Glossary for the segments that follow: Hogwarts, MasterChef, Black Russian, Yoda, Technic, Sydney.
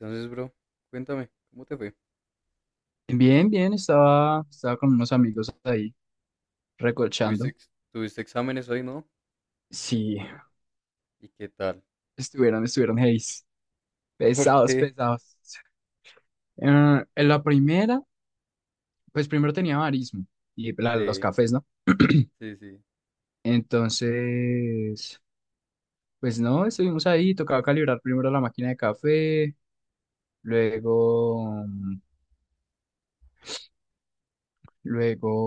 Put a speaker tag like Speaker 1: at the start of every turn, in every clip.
Speaker 1: Entonces, bro, cuéntame, ¿cómo te fue?
Speaker 2: Bien, bien, estaba con unos amigos ahí
Speaker 1: ¿Tuviste,
Speaker 2: recochando.
Speaker 1: ex- tuviste exámenes hoy, no?
Speaker 2: Sí,
Speaker 1: ¿Y qué tal?
Speaker 2: estuvieron heavy.
Speaker 1: ¿Por
Speaker 2: Pesados,
Speaker 1: qué?
Speaker 2: pesados. Eh, en la primera, pues primero tenía barismo y los
Speaker 1: Sí,
Speaker 2: cafés, ¿no?
Speaker 1: sí, sí.
Speaker 2: Entonces, pues no, estuvimos ahí, tocaba calibrar primero la máquina de café, luego,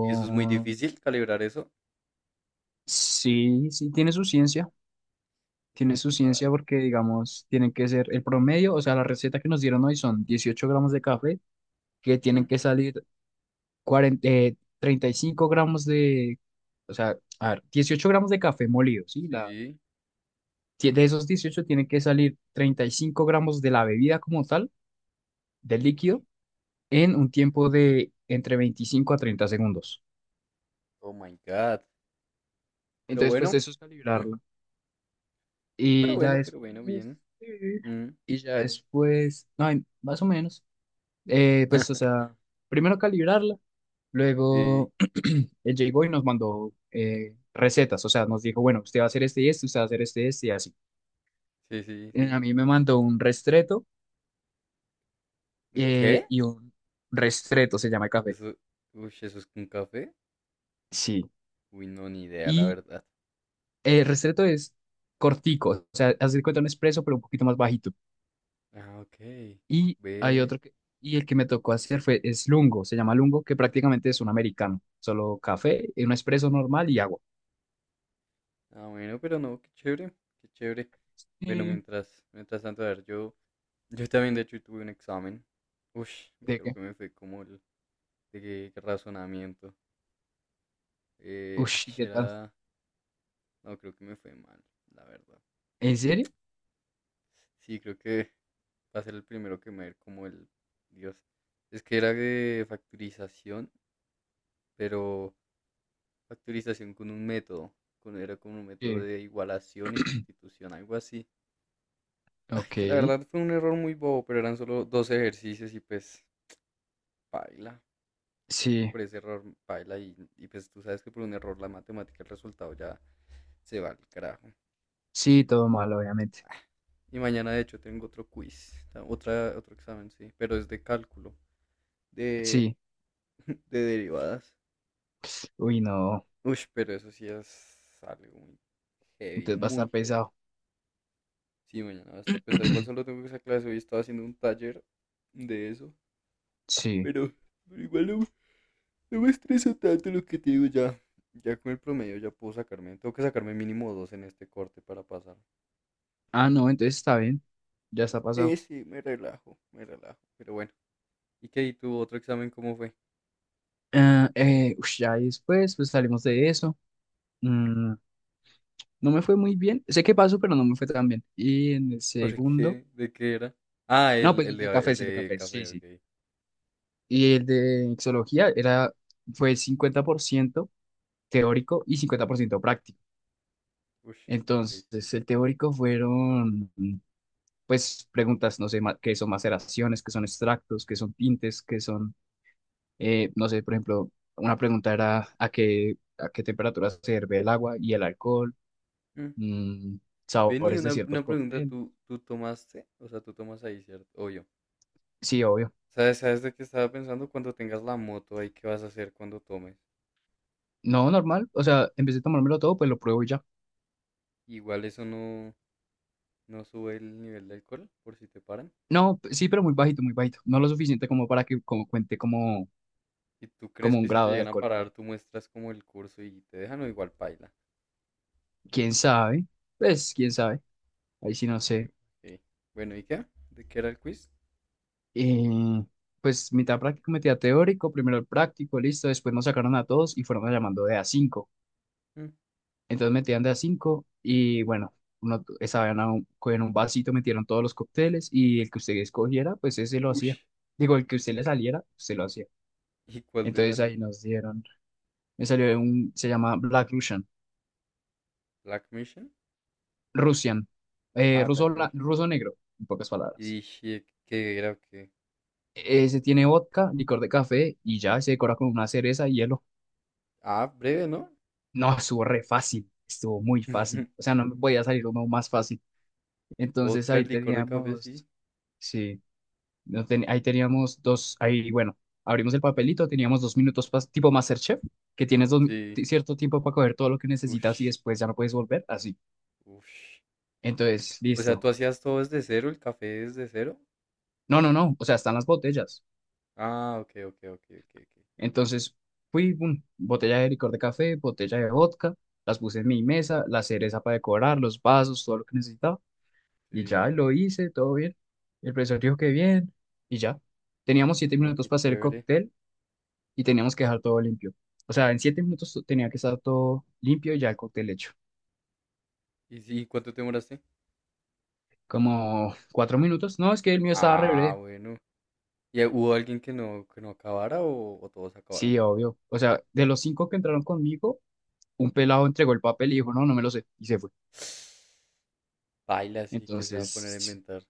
Speaker 1: ¿Y eso es muy difícil, calibrar eso?
Speaker 2: sí, sí, tiene
Speaker 1: Uy,
Speaker 2: su ciencia
Speaker 1: suave.
Speaker 2: porque, digamos, tienen que ser el promedio, o sea, la receta que nos dieron hoy son 18 gramos de café que tienen
Speaker 1: Mm.
Speaker 2: que salir 40, 35 gramos de, o sea, a ver, 18 gramos de café molido, ¿sí? La,
Speaker 1: Sí.
Speaker 2: ti- de esos 18 tienen que salir 35 gramos de la bebida como tal, del
Speaker 1: Uy.
Speaker 2: líquido, en un tiempo de entre 25 a 30 segundos.
Speaker 1: Oh my God. Pero
Speaker 2: Entonces, pues
Speaker 1: bueno,
Speaker 2: eso es
Speaker 1: mm,
Speaker 2: calibrarla.
Speaker 1: no,
Speaker 2: Y ya
Speaker 1: pero bueno,
Speaker 2: después,
Speaker 1: bien.
Speaker 2: eh,
Speaker 1: Mm.
Speaker 2: no, más o menos, pues, o sea, primero calibrarla.
Speaker 1: Sí,
Speaker 2: Luego él llegó y nos mandó recetas, o sea, nos dijo, bueno, usted va a hacer este y este, usted va a hacer este y este y así.
Speaker 1: sí, sí,
Speaker 2: Eh,
Speaker 1: sí.
Speaker 2: A mí me mandó un restreto,
Speaker 1: ¿Qué?
Speaker 2: y un restreto, se llama el café.
Speaker 1: Eso, uy, ¿eso es un café?
Speaker 2: Sí.
Speaker 1: Uy, no, ni idea, la
Speaker 2: Y
Speaker 1: verdad.
Speaker 2: el restreto es cortico, o sea, hacer cuenta un expreso, pero un poquito más bajito.
Speaker 1: Ah, ok.
Speaker 2: Y hay
Speaker 1: Ve.
Speaker 2: otro que, y el que me tocó hacer es lungo, se llama lungo, que prácticamente es un americano, solo café, un expreso normal y agua.
Speaker 1: Ah, bueno, pero no, qué chévere, qué chévere. Bueno,
Speaker 2: ¿Y
Speaker 1: mientras tanto, a ver, yo también de hecho tuve un examen. Uy,
Speaker 2: de
Speaker 1: creo
Speaker 2: qué?
Speaker 1: que me fue como el de razonamiento. Ay,
Speaker 2: Ush, ¿y qué tal?
Speaker 1: no, creo que me fue mal, la verdad.
Speaker 2: ¿En serio?
Speaker 1: Sí, creo que va a ser el primero que me va a ir como el, Dios. Es que era de factorización, pero factorización con un método, era como un método
Speaker 2: Sí.
Speaker 1: de igualación y sustitución, algo así. Ay,
Speaker 2: Ok,
Speaker 1: que la verdad fue un error muy bobo, pero eran solo dos ejercicios y pues paila. Creo que
Speaker 2: sí.
Speaker 1: por ese error paila y pues tú sabes que por un error la matemática, el resultado ya se va al carajo.
Speaker 2: Sí, todo mal, obviamente.
Speaker 1: Ah, y mañana de hecho tengo otro quiz, otro examen, sí, pero es de cálculo, de,
Speaker 2: Sí,
Speaker 1: de derivadas.
Speaker 2: uy, no,
Speaker 1: Uy, pero eso sí es algo muy heavy,
Speaker 2: entonces va a estar
Speaker 1: muy heavy.
Speaker 2: pesado.
Speaker 1: Sí, mañana va a estar pesado. Igual solo tengo esa clase, hoy estaba haciendo un taller de eso,
Speaker 2: Sí.
Speaker 1: pero, pero igual no. No me estresa tanto lo que te digo ya. Ya con el promedio ya puedo sacarme. Tengo que sacarme mínimo dos en este corte para pasar.
Speaker 2: Ah, no, entonces está bien, ya está
Speaker 1: Sí,
Speaker 2: pasado.
Speaker 1: sí, me relajo, me relajo. Pero bueno. ¿Y qué? ¿Y tu otro examen cómo fue?
Speaker 2: Ah, ush, ya después, pues salimos de eso. Mm, no me fue muy bien, sé que pasó, pero no me fue tan bien. Y en el
Speaker 1: ¿Por
Speaker 2: segundo,
Speaker 1: qué? ¿De qué era? Ah,
Speaker 2: no,
Speaker 1: el,
Speaker 2: pues
Speaker 1: el
Speaker 2: el de
Speaker 1: de,
Speaker 2: café,
Speaker 1: el
Speaker 2: es el de
Speaker 1: de
Speaker 2: café, sí,
Speaker 1: café, ok.
Speaker 2: sí. Y el de exología fue 50% teórico y 50% práctico.
Speaker 1: Ush, ok, sí.
Speaker 2: Entonces, el teórico fueron pues preguntas, no sé, qué son maceraciones, qué son extractos, qué son tintes, qué son, no sé, por ejemplo, una pregunta era a qué temperatura se hierve el agua y el alcohol,
Speaker 1: Mm.
Speaker 2: mm,
Speaker 1: Vení,
Speaker 2: sabores de
Speaker 1: una,
Speaker 2: ciertos
Speaker 1: una pregunta,
Speaker 2: cócteles.
Speaker 1: ¿tú tomaste? O sea, tú tomas ahí, ¿cierto? O yo.
Speaker 2: Sí, obvio.
Speaker 1: ¿Sabes de qué estaba pensando? Cuando tengas la moto ahí, ¿qué vas a hacer cuando tomes?
Speaker 2: No, normal, o sea, en vez de tomármelo todo, pues lo pruebo y ya.
Speaker 1: Igual eso no sube el nivel de alcohol, por si te paran.
Speaker 2: No, sí, pero muy bajito, muy bajito. No lo suficiente como para que como cuente como,
Speaker 1: ¿Y tú crees
Speaker 2: como
Speaker 1: que
Speaker 2: un
Speaker 1: si te
Speaker 2: grado de
Speaker 1: llegan a
Speaker 2: alcohol.
Speaker 1: parar, tú muestras como el curso y te dejan o igual paila?
Speaker 2: ¿Quién sabe? Pues, quién sabe. Ahí sí no
Speaker 1: Ok,
Speaker 2: sé.
Speaker 1: ok. Bueno, ¿y qué? ¿De qué era el quiz?
Speaker 2: Y pues mitad práctico, mitad teórico, primero el práctico, listo, después nos sacaron a todos y fueron llamando de a cinco.
Speaker 1: Mm,
Speaker 2: Entonces metían de a cinco y bueno, estaban en un vasito, metieron todos los cócteles y el que usted escogiera, pues ese lo hacía.
Speaker 1: ush.
Speaker 2: Digo, el que usted le saliera, usted lo hacía.
Speaker 1: ¿Y cuál te
Speaker 2: Entonces ahí
Speaker 1: salió?
Speaker 2: nos dieron, me salió un, se llama Black Russian,
Speaker 1: ¿Black Mission?
Speaker 2: Russian,
Speaker 1: Ah,
Speaker 2: ruso,
Speaker 1: Black Mission.
Speaker 2: ruso negro, en pocas palabras.
Speaker 1: ¿Y qué era o qué?
Speaker 2: Ese tiene vodka, licor de café y ya se decora con una cereza y hielo.
Speaker 1: Ah, breve, ¿no?
Speaker 2: No, estuvo re fácil, estuvo muy fácil. O sea, no me podía salir uno más fácil. Entonces
Speaker 1: Vodka,
Speaker 2: ahí
Speaker 1: licor de café, sí.
Speaker 2: teníamos, sí, no ten- ahí teníamos dos, ahí, bueno, abrimos el papelito, teníamos 2 minutos tipo MasterChef, que tienes
Speaker 1: Sí.
Speaker 2: cierto tiempo para coger todo lo que necesitas y
Speaker 1: Ush,
Speaker 2: después ya no puedes volver, así.
Speaker 1: ush.
Speaker 2: Entonces,
Speaker 1: O sea, ¿tú
Speaker 2: listo.
Speaker 1: hacías todo desde cero, el café desde cero?
Speaker 2: No, no, no, o sea, están las botellas.
Speaker 1: Ah, ok, ok, ok, ok, ok.
Speaker 2: Entonces, fui, boom, botella de licor de café, botella de vodka, las puse en mi mesa, la cereza para decorar, los vasos, todo lo que necesitaba. Y
Speaker 1: Sí.
Speaker 2: ya lo hice, todo bien. El profesor dijo que bien, y ya. Teníamos
Speaker 1: Ah,
Speaker 2: siete
Speaker 1: no,
Speaker 2: minutos
Speaker 1: qué
Speaker 2: para hacer el
Speaker 1: chévere.
Speaker 2: cóctel y teníamos que dejar todo limpio. O sea, en 7 minutos tenía que estar todo limpio y ya el cóctel hecho.
Speaker 1: ¿Y sí, cuánto te demoraste?
Speaker 2: Como 4 minutos. No, es que el mío estaba re
Speaker 1: Ah,
Speaker 2: breve.
Speaker 1: bueno. ¿Y hubo alguien que no acabara o todos acabaron?
Speaker 2: Sí, obvio. O sea, de los cinco que entraron conmigo, un pelado entregó el papel y dijo, no, no me lo sé. Y se fue.
Speaker 1: Baila, sí, que se va a poner a
Speaker 2: Entonces,
Speaker 1: inventar.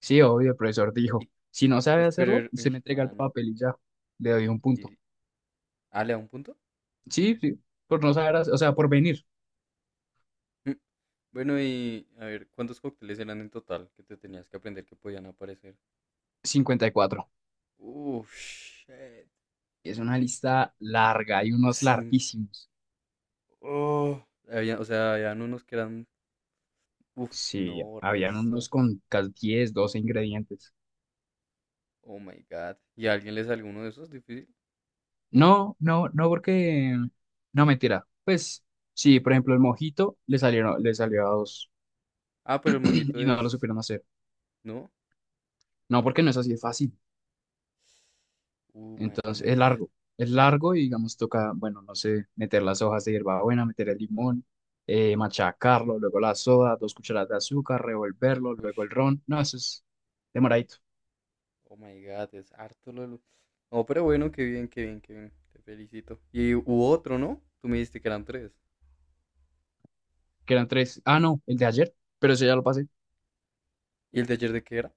Speaker 2: sí, obvio, el profesor dijo,
Speaker 1: Y,
Speaker 2: si no sabe
Speaker 1: pues, pero,
Speaker 2: hacerlo, se
Speaker 1: uy,
Speaker 2: me entrega el
Speaker 1: mano.
Speaker 2: papel y ya. Le doy un punto.
Speaker 1: Y, ah, ¿le da un punto?
Speaker 2: Sí, sí, por no saber, o sea, por venir.
Speaker 1: Mm, Bueno, y a ver, ¿cuántos cócteles eran en total que te tenías que aprender que podían aparecer?
Speaker 2: 54.
Speaker 1: Uf, shit.
Speaker 2: Es una lista larga, hay unos
Speaker 1: Cinco.
Speaker 2: larguísimos.
Speaker 1: Oh, o sea, habían unos que eran. Uf,
Speaker 2: Sí,
Speaker 1: no,
Speaker 2: habían
Speaker 1: resto.
Speaker 2: unos con casi 10 12 ingredientes.
Speaker 1: Oh my god. ¿Y a alguien le salió uno de esos? Difícil.
Speaker 2: No, no, no, porque... No, mentira. Pues sí, por ejemplo, el mojito le salió a dos
Speaker 1: Ah, pero el mojito
Speaker 2: y no lo
Speaker 1: es.
Speaker 2: supieron hacer.
Speaker 1: ¿No?
Speaker 2: No, porque no es así de fácil.
Speaker 1: Oh my
Speaker 2: Entonces, es
Speaker 1: god.
Speaker 2: largo. Es largo y, digamos, toca, bueno, no sé, meter las hojas de hierbabuena, meter el limón, machacarlo, luego la soda, 2 cucharadas de azúcar, revolverlo,
Speaker 1: Uy.
Speaker 2: luego el ron. No, eso es demoradito.
Speaker 1: Oh my God, es harto lo. No, pero bueno, qué bien, qué bien, qué bien. Te felicito. Y hubo otro, ¿no? Tú me dijiste que eran tres.
Speaker 2: Que eran tres. Ah, no, el de ayer, pero eso ya lo pasé.
Speaker 1: ¿Y el de ayer de qué era?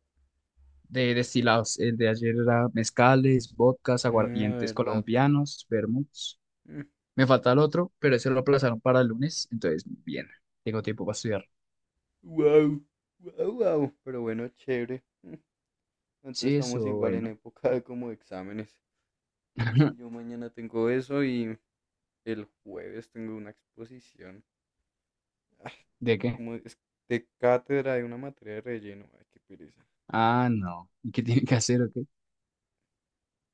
Speaker 2: De destilados, el de ayer era mezcales, vodkas,
Speaker 1: Ah,
Speaker 2: aguardientes
Speaker 1: verdad.
Speaker 2: colombianos, vermuts. Me falta el otro, pero ese lo aplazaron para el lunes, entonces bien, tengo tiempo para estudiar.
Speaker 1: Wow, wow, wow. Pero bueno, chévere. Entonces
Speaker 2: Sí, eso,
Speaker 1: estamos igual en
Speaker 2: bueno.
Speaker 1: época de como exámenes. Uy, si yo mañana tengo eso y el jueves tengo una exposición. Ah,
Speaker 2: ¿De qué?
Speaker 1: como es de cátedra de una materia de relleno. Ay, qué pereza.
Speaker 2: Ah, no. ¿Y qué tienen que hacer o qué?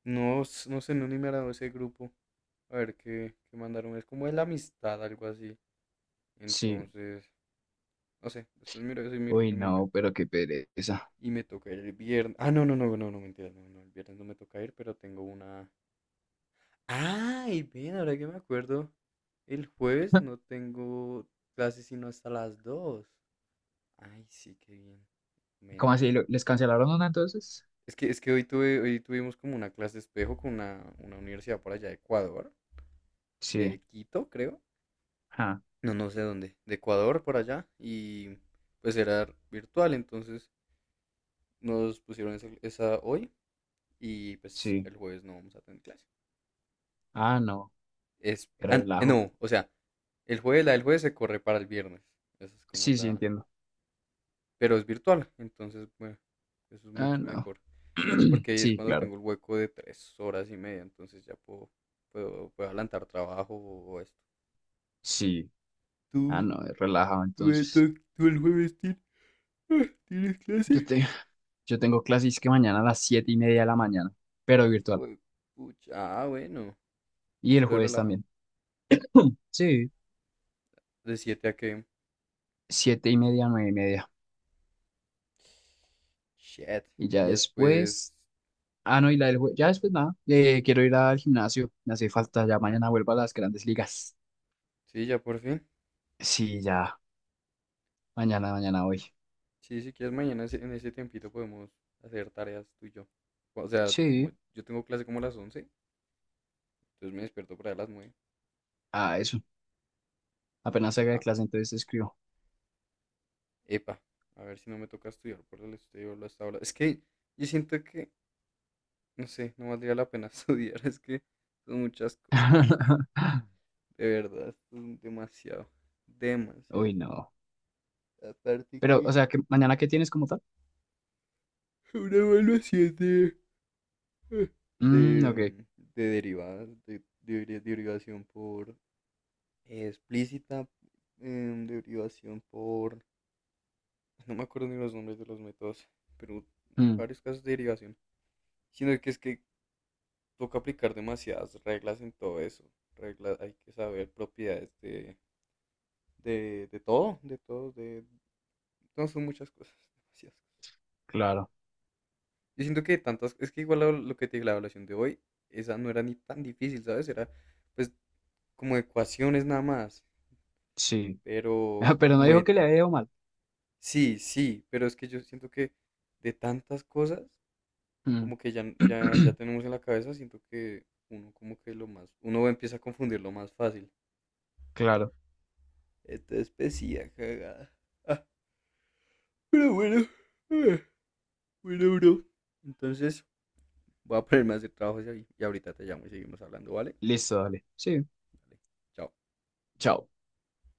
Speaker 1: No, no sé, no ni me agradó ese grupo. A ver qué mandaron. Es como de la amistad, algo así.
Speaker 2: Sí.
Speaker 1: Entonces, no sé. Después miro eso y miro
Speaker 2: Uy,
Speaker 1: qué me
Speaker 2: no,
Speaker 1: invento.
Speaker 2: pero qué pereza.
Speaker 1: Y me toca ir el viernes. Ah, no, no, no, no, no, mentira. No, no, el viernes no me toca ir, pero tengo una. ¡Ay! Ven, ahora que me acuerdo. El jueves no tengo clases sino hasta las 2. Ay, sí, qué bien. Men.
Speaker 2: ¿Cómo así? ¿Les cancelaron una entonces?
Speaker 1: Es que hoy tuvimos como una clase espejo con una universidad por allá de Ecuador,
Speaker 2: Sí.
Speaker 1: de Quito, creo.
Speaker 2: Ah,
Speaker 1: No, no sé dónde, de Ecuador por allá, y pues era virtual, entonces nos pusieron esa hoy y pues
Speaker 2: sí.
Speaker 1: el jueves no vamos a tener clase.
Speaker 2: Ah, no. Qué relajo.
Speaker 1: No, o sea, la del jueves se corre para el viernes, esa es como
Speaker 2: Sí, sí,
Speaker 1: la,
Speaker 2: entiendo.
Speaker 1: pero es virtual, entonces, bueno, eso es
Speaker 2: Ah,
Speaker 1: mucho
Speaker 2: no.
Speaker 1: mejor, porque ahí es
Speaker 2: Sí,
Speaker 1: cuando
Speaker 2: claro.
Speaker 1: tengo el hueco de 3 horas y media, entonces ya puedo, puedo adelantar trabajo o esto.
Speaker 2: Sí. Ah,
Speaker 1: ¿Tú,
Speaker 2: no, es relajado
Speaker 1: tú,
Speaker 2: entonces.
Speaker 1: tú, tú el jueves tienes
Speaker 2: Yo,
Speaker 1: clase?
Speaker 2: te, yo tengo clases que mañana a las 7:30 de la mañana, pero virtual.
Speaker 1: Fue pucha. Ah, bueno.
Speaker 2: Y el
Speaker 1: Estoy
Speaker 2: jueves
Speaker 1: relajado.
Speaker 2: también. Sí,
Speaker 1: De 7 a qué.
Speaker 2: 7:30, 9:30.
Speaker 1: Shit.
Speaker 2: Y
Speaker 1: Y
Speaker 2: ya
Speaker 1: después.
Speaker 2: después, ah, no, y la del jueves, ya después nada, quiero ir al gimnasio, me hace falta, ya mañana vuelvo a las grandes ligas.
Speaker 1: Sí, ya por fin.
Speaker 2: Sí, ya, mañana, mañana, hoy.
Speaker 1: Sí, sí, si quieres, mañana en ese tiempito podemos hacer tareas tú y yo. O sea, como
Speaker 2: Sí,
Speaker 1: yo tengo clase como a las 11, entonces me despierto para las 9.
Speaker 2: ah, eso. Apenas salga de
Speaker 1: Ah,
Speaker 2: clase, entonces escribo.
Speaker 1: epa, a ver si no me toca estudiar por el estudio hasta ahora. Es que yo siento que, no sé, no valdría la pena estudiar. Es que son muchas cosas, man. De verdad, son demasiado.
Speaker 2: Uy,
Speaker 1: Demasiado.
Speaker 2: no.
Speaker 1: Aparte
Speaker 2: Pero, o
Speaker 1: que
Speaker 2: sea, ¿que mañana qué tienes como tal?
Speaker 1: una evaluación
Speaker 2: Mm,
Speaker 1: de,
Speaker 2: ok.
Speaker 1: de derivadas, de derivación por explícita, derivación por. No me acuerdo ni los nombres de los métodos, pero
Speaker 2: Mm,
Speaker 1: varios casos de derivación. Sino que es que toca aplicar demasiadas reglas en todo eso. Reglas, hay que saber propiedades de todo. No, son muchas cosas, demasiadas.
Speaker 2: claro.
Speaker 1: Yo siento que tantas. Es que igual lo que te digo, la evaluación de hoy, esa no era ni tan difícil, ¿sabes? Era pues como de ecuaciones nada más,
Speaker 2: Sí.
Speaker 1: pero
Speaker 2: Pero no
Speaker 1: como
Speaker 2: dijo
Speaker 1: de,
Speaker 2: que le había ido mal.
Speaker 1: sí, sí, pero es que yo siento que de tantas cosas,
Speaker 2: Mm.
Speaker 1: como que ya tenemos en la cabeza, siento que uno como que lo más, uno empieza a confundirlo más fácil.
Speaker 2: Claro.
Speaker 1: Esta especie cagada. Ah, pero bueno, ah, bueno, bro. Entonces, voy a ponerme a hacer trabajos ahí y ahorita te llamo y seguimos hablando, ¿vale?
Speaker 2: Listo, dale. Sí.
Speaker 1: Vale, chao.
Speaker 2: Chao.